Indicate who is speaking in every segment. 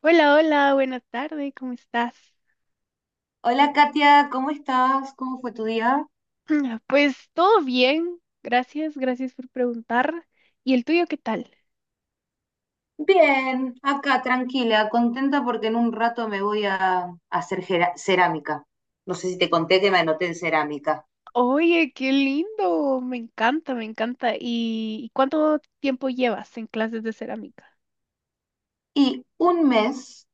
Speaker 1: Hola, hola, buenas tardes, ¿cómo estás?
Speaker 2: Hola Katia, ¿cómo estás? ¿Cómo fue tu día?
Speaker 1: Pues todo bien, gracias, gracias por preguntar. ¿Y el tuyo qué tal?
Speaker 2: Bien, acá tranquila, contenta porque en un rato me voy a hacer cerámica. No sé si te conté que me anoté en cerámica.
Speaker 1: Oye, qué lindo, me encanta, me encanta. ¿Y cuánto tiempo llevas en clases de cerámica?
Speaker 2: Y un mes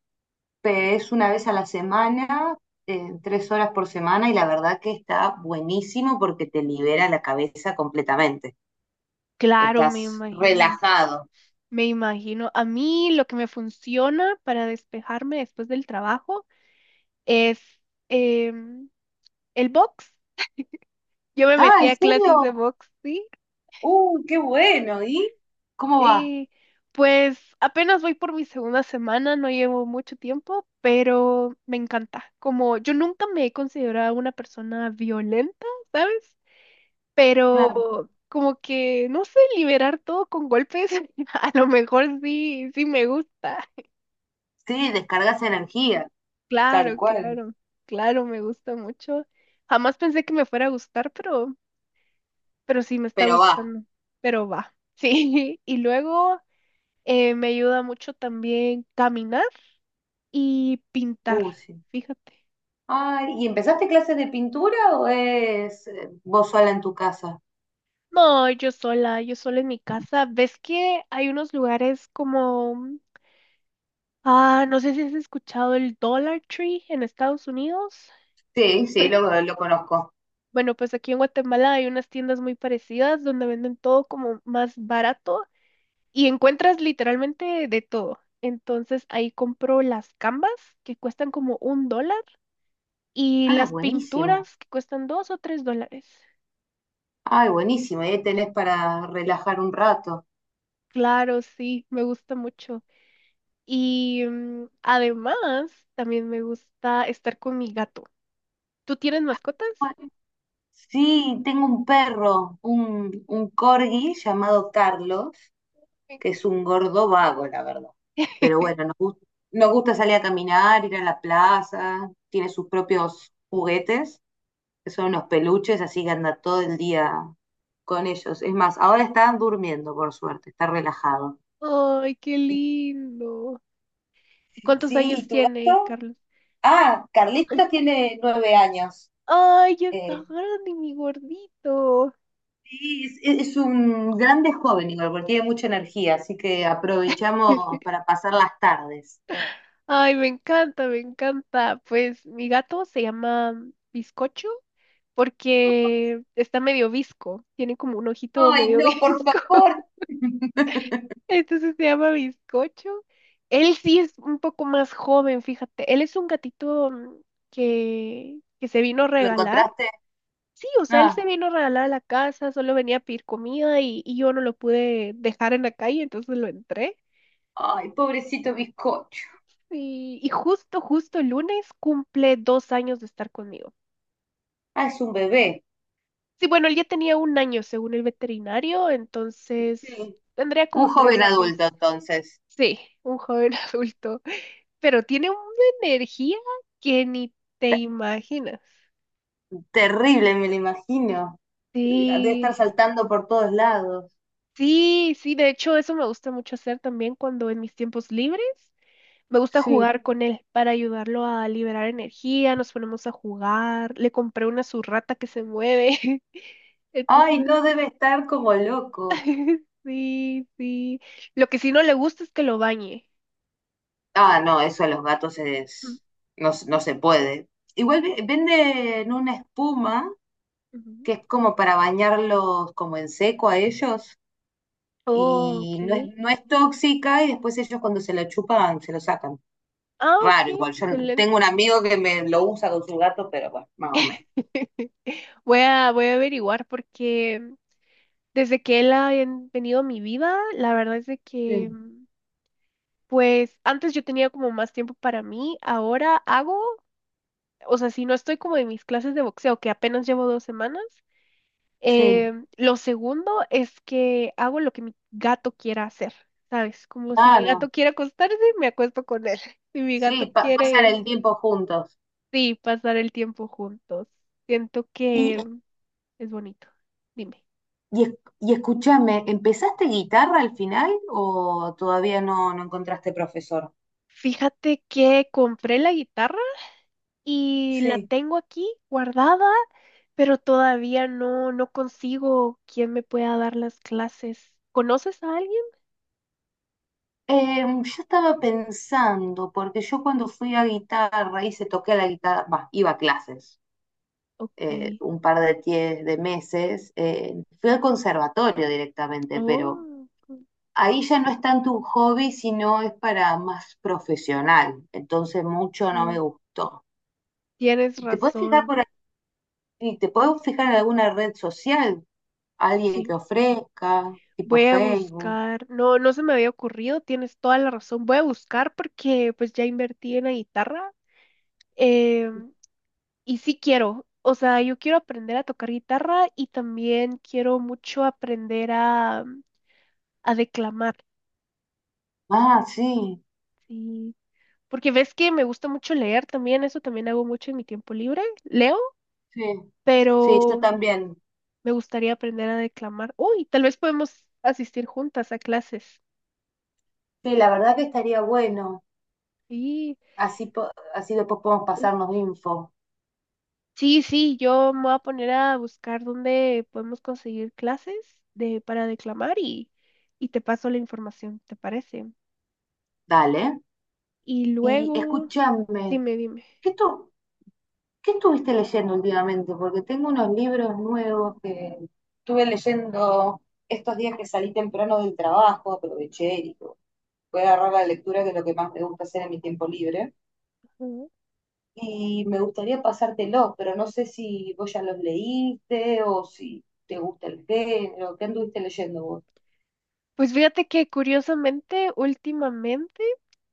Speaker 2: es una vez a la semana, tres horas por semana, y la verdad que está buenísimo porque te libera la cabeza completamente.
Speaker 1: Claro, me
Speaker 2: Estás
Speaker 1: imagino,
Speaker 2: relajado.
Speaker 1: me imagino. A mí lo que me funciona para despejarme después del trabajo es em, el box. Yo me
Speaker 2: Ah,
Speaker 1: metí
Speaker 2: ¿en
Speaker 1: a clases de
Speaker 2: serio?
Speaker 1: box, sí.
Speaker 2: ¡Uh, qué bueno! ¿Y cómo va?
Speaker 1: Y pues apenas voy por mi segunda semana, no llevo mucho tiempo, pero me encanta. Como yo nunca me he considerado una persona violenta, ¿sabes?
Speaker 2: Claro.
Speaker 1: Pero como que, no sé, liberar todo con golpes, a lo mejor sí, sí me gusta.
Speaker 2: Sí, descargas energía. Tal
Speaker 1: Claro,
Speaker 2: cual.
Speaker 1: claro, claro, me gusta mucho. Jamás pensé que me fuera a gustar, pero sí me está
Speaker 2: Pero va.
Speaker 1: gustando. Pero va, sí. Y luego me ayuda mucho también caminar y pintar,
Speaker 2: Sí.
Speaker 1: fíjate.
Speaker 2: Ay, ¿y empezaste clases de pintura o es vos sola en tu casa?
Speaker 1: No, yo sola en mi casa. ¿Ves que hay unos lugares como, ah, no sé si has escuchado el Dollar Tree en Estados Unidos?
Speaker 2: Sí, sí, lo conozco.
Speaker 1: Bueno, pues aquí en Guatemala hay unas tiendas muy parecidas donde venden todo como más barato y encuentras literalmente de todo. Entonces ahí compro las canvas que cuestan como un dólar y
Speaker 2: Ah,
Speaker 1: las
Speaker 2: buenísimo.
Speaker 1: pinturas que cuestan dos o tres dólares.
Speaker 2: Ay, buenísimo. Y ahí tenés para relajar un rato.
Speaker 1: Claro, sí, me gusta mucho. Y además, también me gusta estar con mi gato. ¿Tú tienes mascotas?
Speaker 2: Sí, tengo un perro, un corgi llamado Carlos,
Speaker 1: Me
Speaker 2: que
Speaker 1: encanta.
Speaker 2: es un gordo vago, la verdad. Pero bueno, nos gusta salir a caminar, ir a la plaza, tiene sus propios juguetes. Son unos peluches, así que anda todo el día con ellos. Es más, ahora están durmiendo, por suerte, está relajado.
Speaker 1: Ay, qué lindo. ¿Y cuántos
Speaker 2: Sí,
Speaker 1: años
Speaker 2: ¿y tu
Speaker 1: tiene
Speaker 2: gato?
Speaker 1: Carlos?
Speaker 2: Ah, Carlitos tiene 9 años.
Speaker 1: Ay, ya está
Speaker 2: Eh,
Speaker 1: grande, mi gordito.
Speaker 2: Sí, es un grande joven, igual, porque tiene mucha energía, así que aprovechamos para pasar las tardes.
Speaker 1: Ay, me encanta, me encanta. Pues mi gato se llama Bizcocho porque está medio visco. Tiene como un ojito
Speaker 2: Ay,
Speaker 1: medio
Speaker 2: no, por
Speaker 1: visco.
Speaker 2: favor.
Speaker 1: Entonces se llama Bizcocho. Él sí es un poco más joven, fíjate. Él es un gatito que se vino a
Speaker 2: ¿Lo
Speaker 1: regalar.
Speaker 2: encontraste?
Speaker 1: Sí, o sea, él se
Speaker 2: Ah,
Speaker 1: vino a regalar a la casa, solo venía a pedir comida y yo no lo pude dejar en la calle, entonces lo entré.
Speaker 2: ay, pobrecito bizcocho.
Speaker 1: Y justo, justo el lunes cumple 2 años de estar conmigo.
Speaker 2: Ah, es un bebé.
Speaker 1: Sí, bueno, él ya tenía 1 año según el veterinario, entonces
Speaker 2: Sí.
Speaker 1: tendría
Speaker 2: Un
Speaker 1: como tres
Speaker 2: joven
Speaker 1: años.
Speaker 2: adulto, entonces.
Speaker 1: Sí, un joven adulto, pero tiene una energía que ni te imaginas.
Speaker 2: Terrible, me lo imagino. Debe
Speaker 1: Sí,
Speaker 2: estar saltando por todos lados.
Speaker 1: sí, sí, de hecho eso me gusta mucho hacer también cuando en mis tiempos libres me gusta
Speaker 2: Sí.
Speaker 1: jugar con él para ayudarlo a liberar energía, nos ponemos a jugar, le compré una surrata que se mueve,
Speaker 2: Ay,
Speaker 1: entonces,
Speaker 2: no debe estar como loco.
Speaker 1: sí, sí. Lo que sí no le gusta es que lo bañe.
Speaker 2: Ah, no, eso a los gatos
Speaker 1: Mm,
Speaker 2: es... no, no se puede. Igual venden una espuma
Speaker 1: ujú.
Speaker 2: que es como para bañarlos como en seco a ellos
Speaker 1: Oh,
Speaker 2: y no es,
Speaker 1: ok.
Speaker 2: no es tóxica y después ellos cuando se la chupan se lo sacan.
Speaker 1: Ah,
Speaker 2: Raro,
Speaker 1: ok,
Speaker 2: igual. Yo no-
Speaker 1: excelente.
Speaker 2: tengo un amigo que me lo usa con su gato, pero bueno, más o menos.
Speaker 1: Voy a, voy a averiguar porque desde que él ha venido a mi vida, la verdad es de que,
Speaker 2: Sí,
Speaker 1: mm, pues antes yo tenía como más tiempo para mí, ahora hago, o sea, si no estoy como en mis clases de boxeo, que apenas llevo 2 semanas,
Speaker 2: sí,
Speaker 1: lo segundo es que hago lo que mi gato quiera hacer, ¿sabes? Como si mi
Speaker 2: claro.
Speaker 1: gato quiere acostarse, me acuesto con él. Si mi
Speaker 2: Sí,
Speaker 1: gato
Speaker 2: pasar
Speaker 1: quiere,
Speaker 2: el tiempo juntos.
Speaker 1: sí, pasar el tiempo juntos. Siento
Speaker 2: Y,
Speaker 1: que es bonito. Dime.
Speaker 2: y, es- y escúchame, ¿empezaste guitarra al final o todavía no, no encontraste profesor?
Speaker 1: Fíjate que compré la guitarra y la
Speaker 2: Sí.
Speaker 1: tengo aquí guardada, pero todavía no, no consigo quien me pueda dar las clases. ¿Conoces a alguien?
Speaker 2: Yo estaba pensando, porque yo cuando fui a guitarra, hice, toqué la guitarra, bah, iba a clases
Speaker 1: Ok.
Speaker 2: un par de, de meses, fui al conservatorio directamente, pero
Speaker 1: Oh,
Speaker 2: ahí ya no es tanto un hobby, sino es para más profesional, entonces mucho no
Speaker 1: mm,
Speaker 2: me gustó.
Speaker 1: tienes
Speaker 2: ¿Te puedes fijar,
Speaker 1: razón.
Speaker 2: por Y te puedes fijar en alguna red social, alguien que
Speaker 1: Sí.
Speaker 2: ofrezca, tipo
Speaker 1: Voy a
Speaker 2: Facebook.
Speaker 1: buscar. No, no se me había ocurrido, tienes toda la razón. Voy a buscar porque pues ya invertí en la guitarra. em, y sí quiero. O sea, yo quiero aprender a tocar guitarra y también quiero mucho aprender a declamar,
Speaker 2: Ah, sí,
Speaker 1: sí. Porque ves que me gusta mucho leer también, eso también hago mucho en mi tiempo libre, leo,
Speaker 2: sí, sí, yo
Speaker 1: pero
Speaker 2: también.
Speaker 1: me gustaría aprender a declamar. Uy, tal vez podemos asistir juntas a clases.
Speaker 2: Sí, la verdad que estaría bueno.
Speaker 1: Sí,
Speaker 2: Así, así después podemos pasarnos info.
Speaker 1: sí, sí, yo me voy a poner a buscar dónde podemos conseguir clases de, para declamar y te paso la información, ¿te parece?
Speaker 2: Dale.
Speaker 1: Y
Speaker 2: Y
Speaker 1: luego,
Speaker 2: escúchame,
Speaker 1: dime, dime.
Speaker 2: ¿qué, tú, ¿qué estuviste leyendo últimamente? Porque tengo unos libros nuevos que estuve leyendo estos días que salí temprano del trabajo, aproveché y digo, voy a agarrar la lectura, que es lo que más me gusta hacer en mi tiempo libre. Y me gustaría pasártelo, pero no sé si vos ya los leíste o si te gusta el género, ¿qué anduviste leyendo vos?
Speaker 1: Pues fíjate que curiosamente, últimamente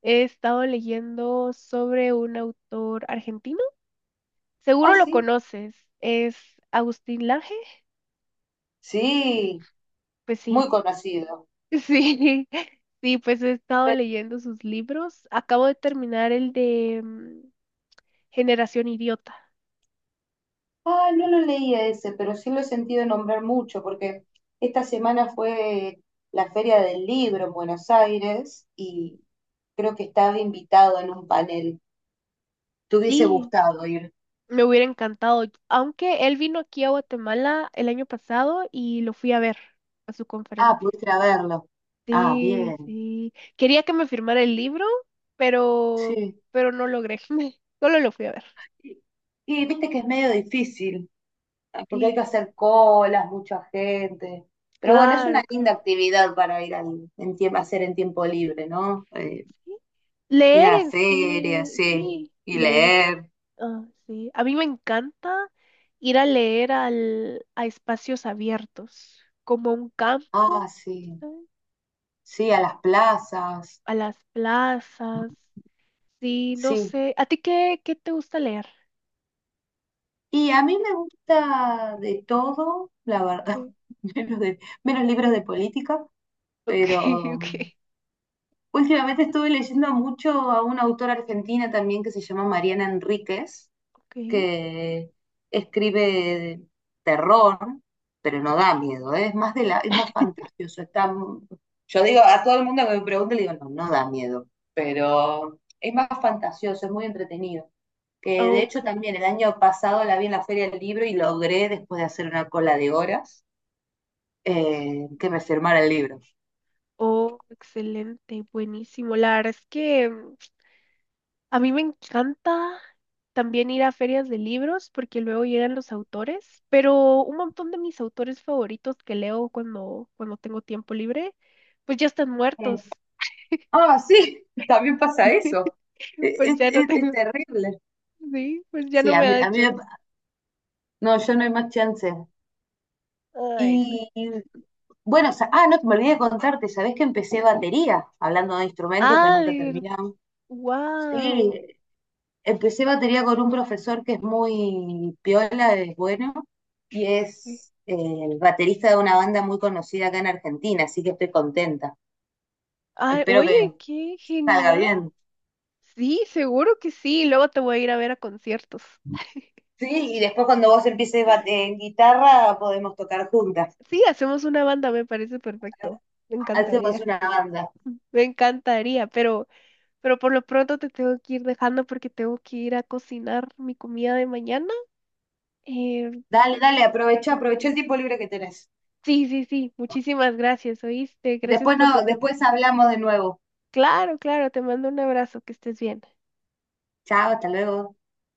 Speaker 1: he estado leyendo sobre un autor argentino.
Speaker 2: Ah,
Speaker 1: Seguro lo
Speaker 2: sí,
Speaker 1: conoces, es Agustín Lange.
Speaker 2: sí,
Speaker 1: Pues
Speaker 2: muy
Speaker 1: sí,
Speaker 2: conocido.
Speaker 1: sí, sí, pues he estado
Speaker 2: Pe-
Speaker 1: leyendo sus libros. Acabo de terminar el de Generación Idiota.
Speaker 2: ah, no lo leí a ese, pero sí lo he sentido nombrar mucho, porque esta semana fue la Feria del Libro en Buenos Aires y creo que estaba invitado en un panel. ¿Te hubiese
Speaker 1: Sí,
Speaker 2: gustado ir?
Speaker 1: me hubiera encantado, aunque él vino aquí a Guatemala el año pasado y lo fui a ver a su
Speaker 2: Ah,
Speaker 1: conferencia.
Speaker 2: pudiste ir a verlo. Ah,
Speaker 1: Sí,
Speaker 2: bien,
Speaker 1: sí. Quería que me firmara el libro, pero,
Speaker 2: sí.
Speaker 1: pero no logré. Solo lo fui a ver.
Speaker 2: Y y viste que es medio difícil. Ah, porque hay que
Speaker 1: Sí,
Speaker 2: hacer colas, mucha gente. Pero bueno, es una
Speaker 1: claro,
Speaker 2: linda
Speaker 1: claro.
Speaker 2: actividad para ir al, en tiempo, hacer en tiempo libre, ¿no?
Speaker 1: Sí.
Speaker 2: Ir
Speaker 1: Leer
Speaker 2: a
Speaker 1: en
Speaker 2: ferias,
Speaker 1: sí,
Speaker 2: sí,
Speaker 1: sí,
Speaker 2: y
Speaker 1: leer.
Speaker 2: leer.
Speaker 1: Ah, sí. A mí me encanta ir a leer al, a espacios abiertos, como a un
Speaker 2: Ah,
Speaker 1: campo,
Speaker 2: sí,
Speaker 1: ¿sabes?
Speaker 2: sí, a las plazas,
Speaker 1: A las plazas. Sí, no
Speaker 2: sí.
Speaker 1: sé. ¿A ti qué, qué te gusta leer?
Speaker 2: Y a mí me gusta de todo, la verdad,
Speaker 1: Ok,
Speaker 2: menos, de, menos libros de política,
Speaker 1: ok,
Speaker 2: pero
Speaker 1: ok.
Speaker 2: últimamente estuve leyendo mucho a una autora argentina también que se llama Mariana Enríquez
Speaker 1: Ok.
Speaker 2: que escribe terror, pero no da miedo, ¿eh? Es más de la, es más fantasioso. Está, yo digo, a todo el mundo que me pregunte, le digo, no, no da miedo, pero es más fantasioso, es muy entretenido. Que de hecho
Speaker 1: Ok.
Speaker 2: también el año pasado la vi en la Feria del Libro y logré, después de hacer una cola de horas, que me firmara el libro.
Speaker 1: Oh, excelente, buenísimo. La verdad es que a mí me encanta también ir a ferias de libros porque luego llegan los autores, pero un montón de mis autores favoritos que leo cuando, cuando tengo tiempo libre, pues ya están
Speaker 2: Eh,
Speaker 1: muertos.
Speaker 2: Ah, sí, también pasa eso.
Speaker 1: Pues ya no
Speaker 2: Es
Speaker 1: tengo,
Speaker 2: terrible.
Speaker 1: sí, pues ya
Speaker 2: Sí,
Speaker 1: no me da
Speaker 2: a mí
Speaker 1: chance.
Speaker 2: no, yo no hay más chance.
Speaker 1: Ay, no.
Speaker 2: Y bueno, ah, no, me olvidé de contarte, ¿sabés que empecé batería? Hablando de instrumentos que nunca
Speaker 1: Ay,
Speaker 2: terminamos. Sí,
Speaker 1: wow.
Speaker 2: empecé batería con un profesor que es muy piola, es bueno, y es el baterista de una banda muy conocida acá en Argentina, así que estoy contenta.
Speaker 1: Ay,
Speaker 2: Espero que
Speaker 1: oye, qué
Speaker 2: salga
Speaker 1: genial.
Speaker 2: bien.
Speaker 1: Sí, seguro que sí. Luego te voy a ir a ver a conciertos.
Speaker 2: Sí, y después cuando vos empieces en guitarra podemos tocar juntas.
Speaker 1: Sí, hacemos una banda, me parece perfecto. Me
Speaker 2: Hacemos
Speaker 1: encantaría.
Speaker 2: una banda.
Speaker 1: Me encantaría, pero por lo pronto te tengo que ir dejando porque tengo que ir a cocinar mi comida de mañana. Eh,
Speaker 2: Dale, dale, aprovecha, aprovecha el tiempo libre que tenés.
Speaker 1: sí, sí, sí. Muchísimas gracias, ¿oíste? Gracias
Speaker 2: Después
Speaker 1: por tu
Speaker 2: no,
Speaker 1: tiempo.
Speaker 2: después hablamos de nuevo.
Speaker 1: Claro, claro, te mando un abrazo, que estés bien.
Speaker 2: Chao, hasta luego.